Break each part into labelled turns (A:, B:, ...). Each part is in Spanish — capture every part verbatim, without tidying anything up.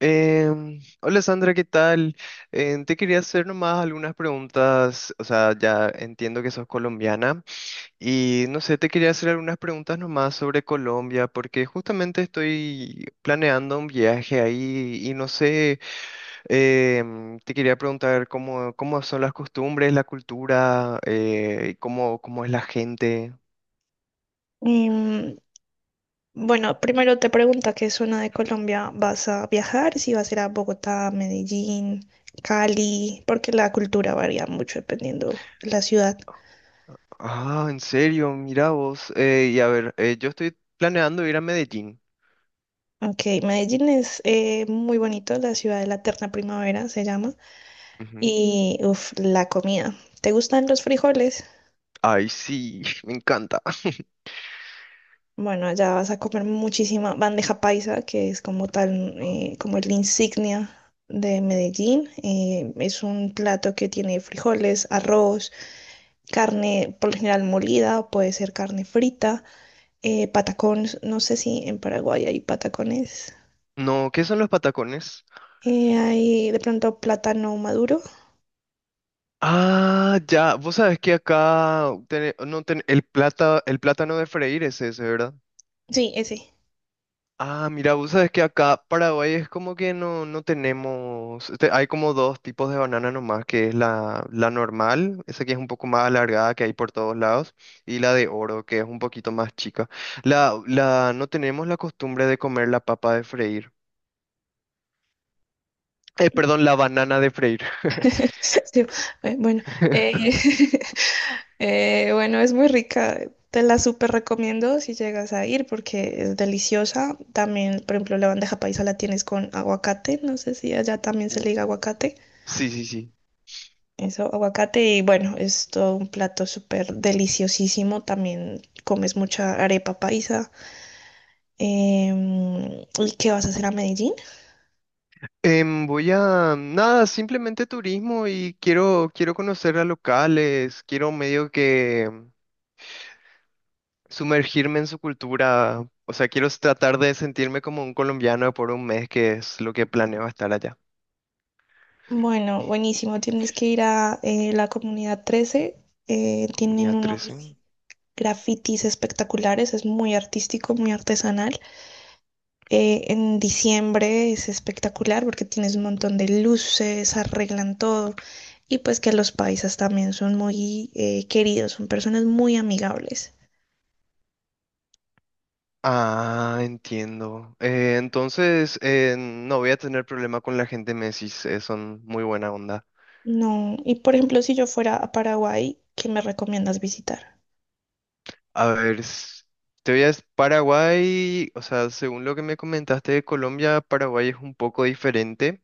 A: Em, hola Sandra, ¿qué tal? Em, te quería hacer nomás algunas preguntas, o sea, ya entiendo que sos colombiana y no sé, te quería hacer algunas preguntas nomás sobre Colombia porque justamente estoy planeando un viaje ahí y no sé, em, te quería preguntar cómo, cómo son las costumbres, la cultura, eh, y cómo, cómo es la gente.
B: Y mm, bueno, primero te pregunta qué zona de Colombia vas a viajar, si vas a ir a Bogotá, Medellín, Cali, porque la cultura varía mucho dependiendo la ciudad.
A: Ah, ¿en serio? Mira vos. Eh, y a ver, eh, yo estoy planeando ir a Medellín.
B: Ok, Medellín es eh, muy bonito, la ciudad de la eterna primavera se llama, y uff, la comida. ¿Te gustan los frijoles?
A: Ay, sí, me encanta.
B: Bueno, allá vas a comer muchísima bandeja paisa, que es como tal, eh, como la insignia de Medellín. Eh, es un plato que tiene frijoles, arroz, carne por lo general molida, o puede ser carne frita, eh, patacones, no sé si en Paraguay hay patacones,
A: No, ¿qué son los patacones?
B: eh, hay de pronto plátano maduro.
A: Ah, ya, vos sabés que acá tene- no ten- el plata, el plátano de freír es ese, ¿verdad?
B: Sí, ese.
A: Ah, mira, vos sabés que acá Paraguay es como que no, no tenemos, te- hay como dos tipos de banana nomás, que es la, la normal, esa que es un poco más alargada que hay por todos lados, y la de oro, que es un poquito más chica. La, la, no tenemos la costumbre de comer la papa de freír. Eh, perdón, la banana de freír.
B: Sí, eh, bueno, eh, eh, bueno, es muy rica. Te la súper recomiendo si llegas a ir porque es deliciosa. También, por ejemplo, la bandeja paisa la tienes con aguacate. No sé si allá también se le diga
A: Uh.
B: aguacate.
A: Sí, sí, sí.
B: Eso, aguacate y bueno, es todo un plato súper deliciosísimo. También comes mucha arepa paisa. Em, ¿y qué vas a hacer a Medellín?
A: Em, voy a, nada, simplemente turismo y quiero, quiero conocer a locales, quiero medio que sumergirme en su cultura, o sea, quiero tratar de sentirme como un colombiano por un mes, que es lo que planeo estar allá.
B: Bueno, buenísimo. Tienes que ir a eh, la comunidad trece. eh, tienen
A: Comunidad trece.
B: unos grafitis espectaculares. Es muy artístico, muy artesanal. Eh, en diciembre es espectacular porque tienes un montón de luces, arreglan todo. Y pues que los paisas también son muy eh, queridos, son personas muy amigables.
A: Ah, entiendo. Eh, entonces, eh, no voy a tener problema con la gente Messi, eh, son muy buena onda.
B: No, y por ejemplo, si yo fuera a Paraguay, ¿qué me recomiendas visitar?
A: A ver, s- te voy a... s- Paraguay, o sea, según lo que me comentaste de Colombia, Paraguay es un poco diferente.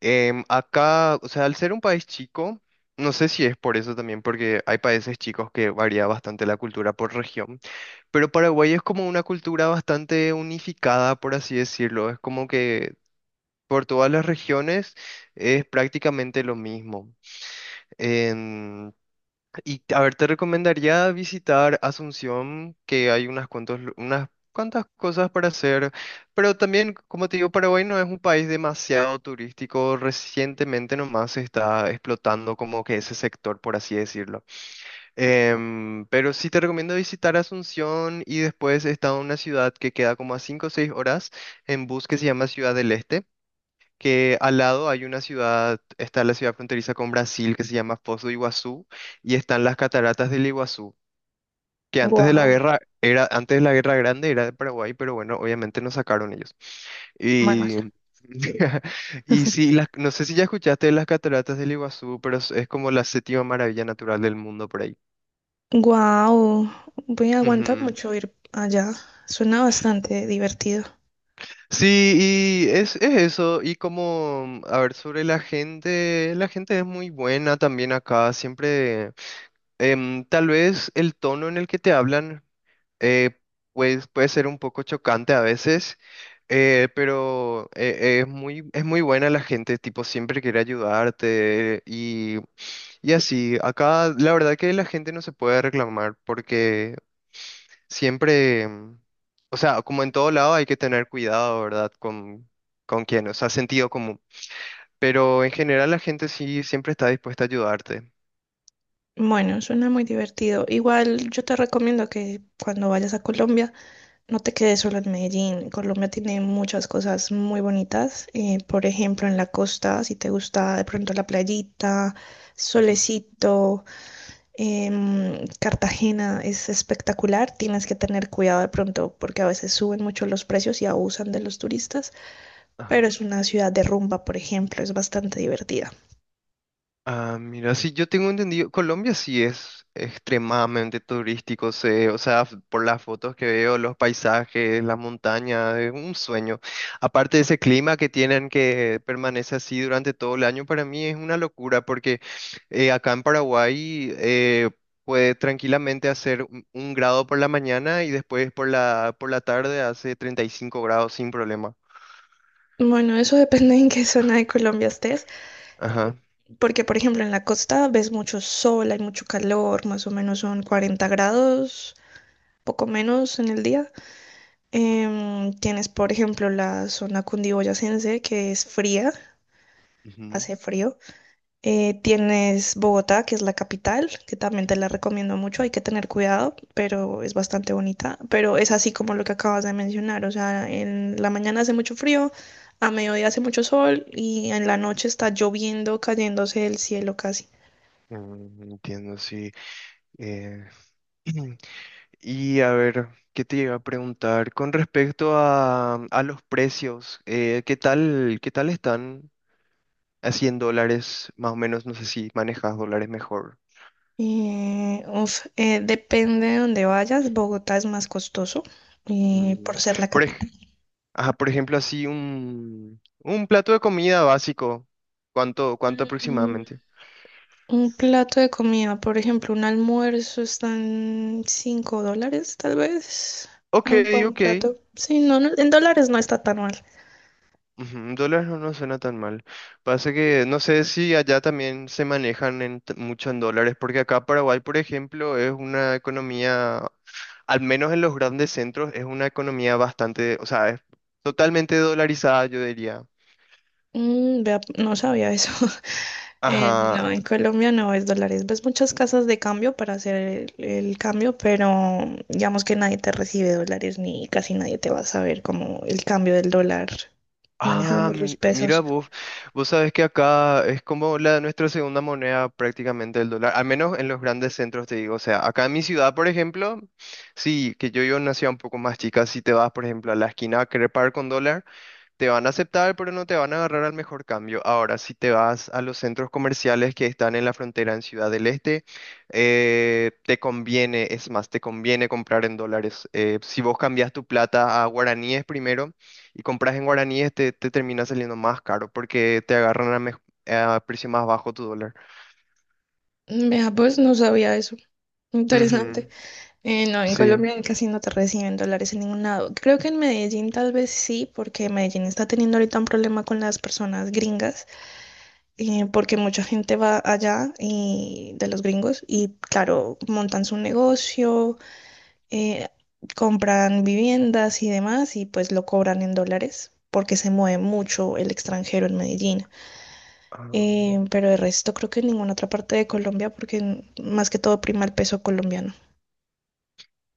A: Em, acá, o sea, al ser un país chico, no sé si es por eso también, porque hay países chicos que varía bastante la cultura por región, pero Paraguay es como una cultura bastante unificada, por así decirlo. Es como que por todas las regiones es prácticamente lo mismo. Y a ver, te recomendaría visitar Asunción, que hay unas cuantos, lu- unas cuantas cosas para hacer, pero también, como te digo, Paraguay no es un país demasiado turístico. Recientemente nomás se está explotando como que ese sector, por así decirlo. Em, pero sí te recomiendo visitar Asunción y después está una ciudad que queda como a cinco o seis horas en bus que se llama Ciudad del Este, que al lado hay una ciudad, está la ciudad fronteriza con Brasil que se llama Foz do Iguazú, y están las cataratas del Iguazú, que antes de la
B: Wow.
A: guerra era, antes de la Guerra Grande era de Paraguay, pero bueno, obviamente nos sacaron ellos.
B: Manuel.
A: Y, y sí, las- no sé si ya escuchaste de las cataratas del Iguazú, pero es, es como la séptima maravilla natural del mundo por ahí.
B: Guau, voy a aguantar
A: Ujú.
B: mucho ir allá. Suena bastante divertido.
A: Sí, y es, es eso, y como, a ver, sobre la gente, la gente es muy buena también acá, siempre. Em, tal vez el tono en el que te hablan, eh, pues, puede ser un poco chocante a veces, eh, pero eh, eh, es muy, es muy buena la gente, tipo, siempre quiere ayudarte y, y así. Acá la verdad que la gente no se puede reclamar porque siempre, mm, o sea, como en todo lado hay que tener cuidado, ¿verdad? Con, con quién, o sea, sentido común. Pero en general la gente sí siempre está dispuesta a ayudarte.
B: Bueno, suena muy divertido. Igual yo te recomiendo que cuando vayas a Colombia no te quedes solo en Medellín. Colombia tiene muchas cosas muy bonitas. Eh, por ejemplo, en la costa, si te gusta de pronto la playita,
A: Ujú.
B: solecito. Em, Cartagena es espectacular, tienes que tener cuidado de pronto porque a veces suben mucho los precios y abusan de los turistas, pero es una ciudad de rumba, por ejemplo, es bastante divertida.
A: Ah, mira, sí, yo tengo entendido, Colombia sí es extremadamente turístico, sé, o sea, f- por las fotos que veo, los paisajes, las montañas, es un sueño. Aparte de ese clima que tienen que permanece así durante todo el año, para mí es una locura porque eh, acá en Paraguay eh, puede tranquilamente hacer un, un grado por la mañana y después por la, por la tarde hace treinta y cinco grados sin problema.
B: Bueno, eso depende en qué zona de Colombia estés,
A: Ajá.
B: porque por ejemplo en la costa ves mucho sol, hay mucho calor, más o menos son cuarenta grados, poco menos en el día. Em, tienes por ejemplo la zona cundiboyacense que es fría,
A: Ujú.
B: hace frío. Eh, tienes Bogotá, que es la capital, que también te la recomiendo mucho, hay que tener cuidado, pero es bastante bonita. Pero es así como lo que acabas de mencionar, o sea, en la mañana hace mucho frío, a mediodía hace mucho sol y en la noche está lloviendo, cayéndose del cielo casi.
A: Mm, entiendo, sí. Eh, y a ver, ¿qué te iba a preguntar? Con respecto a, a los precios, eh, ¿qué tal, qué tal están así en dólares? Más o menos, no sé si manejas dólares mejor.
B: Eh, uf, eh, depende de dónde vayas, Bogotá es más costoso eh,
A: Mm,
B: por ser la
A: Por, ej-
B: capital.
A: ajá, por ejemplo, así un, un plato de comida básico. ¿Cuánto, cuánto
B: Mm,
A: aproximadamente?
B: Un plato de comida, por ejemplo, un almuerzo están cinco dólares, tal vez.
A: Ok,
B: Un buen
A: ok.
B: plato. Sí, no, no, en dólares no está tan mal.
A: Ujú, dólares no, no suena tan mal. Pasa que no sé si allá también se manejan en t- mucho en dólares, porque acá Paraguay, por ejemplo, es una economía, al menos en los grandes centros, es una economía bastante, o sea, es totalmente dolarizada, yo diría.
B: Mm, vea, no sabía eso. Eh, no,
A: Ajá.
B: en Colombia no es dólares. Ves muchas casas de cambio para hacer el, el cambio, pero digamos que nadie te recibe dólares ni casi nadie te va a saber como el cambio del dólar.
A: Ah,
B: Manejamos los
A: mi- mira
B: pesos.
A: vos, vos sabés que acá es como la nuestra segunda moneda prácticamente el dólar, al menos en los grandes centros te digo, o sea, acá en mi ciudad, por ejemplo, sí, que yo yo nací un poco más chica, si te vas, por ejemplo, a la esquina a querer pagar con dólar, te van a aceptar, pero no te van a agarrar al mejor cambio. Ahora, si te vas a los centros comerciales que están en la frontera en Ciudad del Este, eh, te conviene, es más, te conviene comprar en dólares. Eh, si vos cambias tu plata a guaraníes primero y compras en guaraníes, te, te termina saliendo más caro porque te agarran a, mej- a precio más bajo tu dólar.
B: Mm, Vea, pues no sabía eso. Interesante.
A: Ujú,
B: Eh, no, en
A: sí.
B: Colombia casi no te reciben dólares en ningún lado. Creo que en Medellín tal vez sí, porque Medellín está teniendo ahorita un problema con las personas gringas, eh, porque mucha gente va allá y, de los gringos y claro, montan su negocio, eh, compran viviendas y demás y pues lo cobran en dólares porque se mueve mucho el extranjero en Medellín.
A: Ah.
B: Eh, pero el resto creo que en ninguna otra parte de Colombia porque más que todo prima el peso colombiano.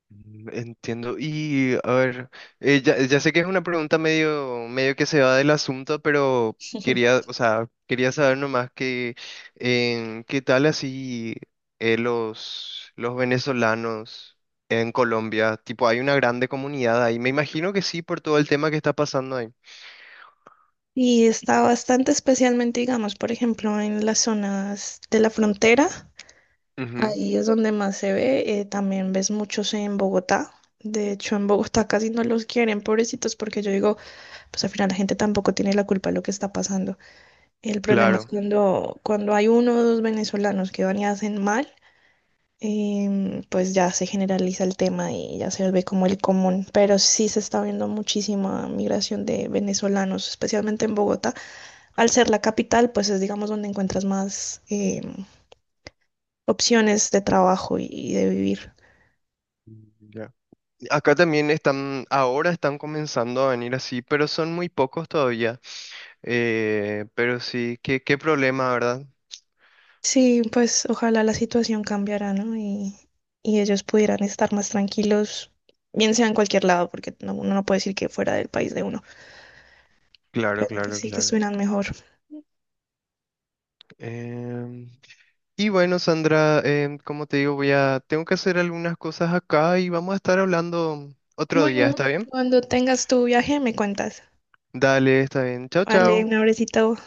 A: Mm, entiendo. Y a ver, eh, ya, ya sé que es una pregunta medio, medio que se va del asunto, pero quería, o sea, quería saber nomás que en qué tal así eh, los, los venezolanos en Colombia, tipo, hay una grande comunidad ahí. Me imagino que sí por todo el tema que está pasando ahí.
B: Y está bastante especialmente, digamos, por ejemplo, en las zonas de la frontera.
A: Ujú,
B: Ahí es donde más se ve. eh, también ves muchos en Bogotá. De hecho, en Bogotá casi no los quieren, pobrecitos, porque yo digo, pues al final la gente tampoco tiene la culpa de lo que está pasando. El problema es
A: claro.
B: cuando, cuando hay uno o dos venezolanos que van y hacen mal, em, pues ya se generaliza el tema y ya se ve como el común. Pero sí se está viendo muchísima migración de venezolanos, especialmente en Bogotá al ser la capital, pues es, digamos, donde encuentras más eh, opciones de trabajo y, y, de vivir.
A: Mm, ya. Acá también están, ahora están comenzando a venir así, pero son muy pocos todavía. Eh, pero sí, qué, qué problema, ¿verdad?
B: Sí, pues ojalá la situación cambiara, ¿no? Y, y, ellos pudieran estar más tranquilos, bien sea en cualquier lado, porque no, uno no puede decir que fuera del país de uno,
A: Claro,
B: pero que
A: claro,
B: sí, que
A: claro.
B: estuvieran mejor.
A: Em, y bueno, Sandra, em, como te digo, voy a, tengo que hacer algunas cosas acá y vamos a estar hablando otro día,
B: Bueno,
A: ¿está bien?
B: cuando tengas tu viaje me cuentas.
A: Dale, está bien. Chao,
B: Vale,
A: chao.
B: un abrecito.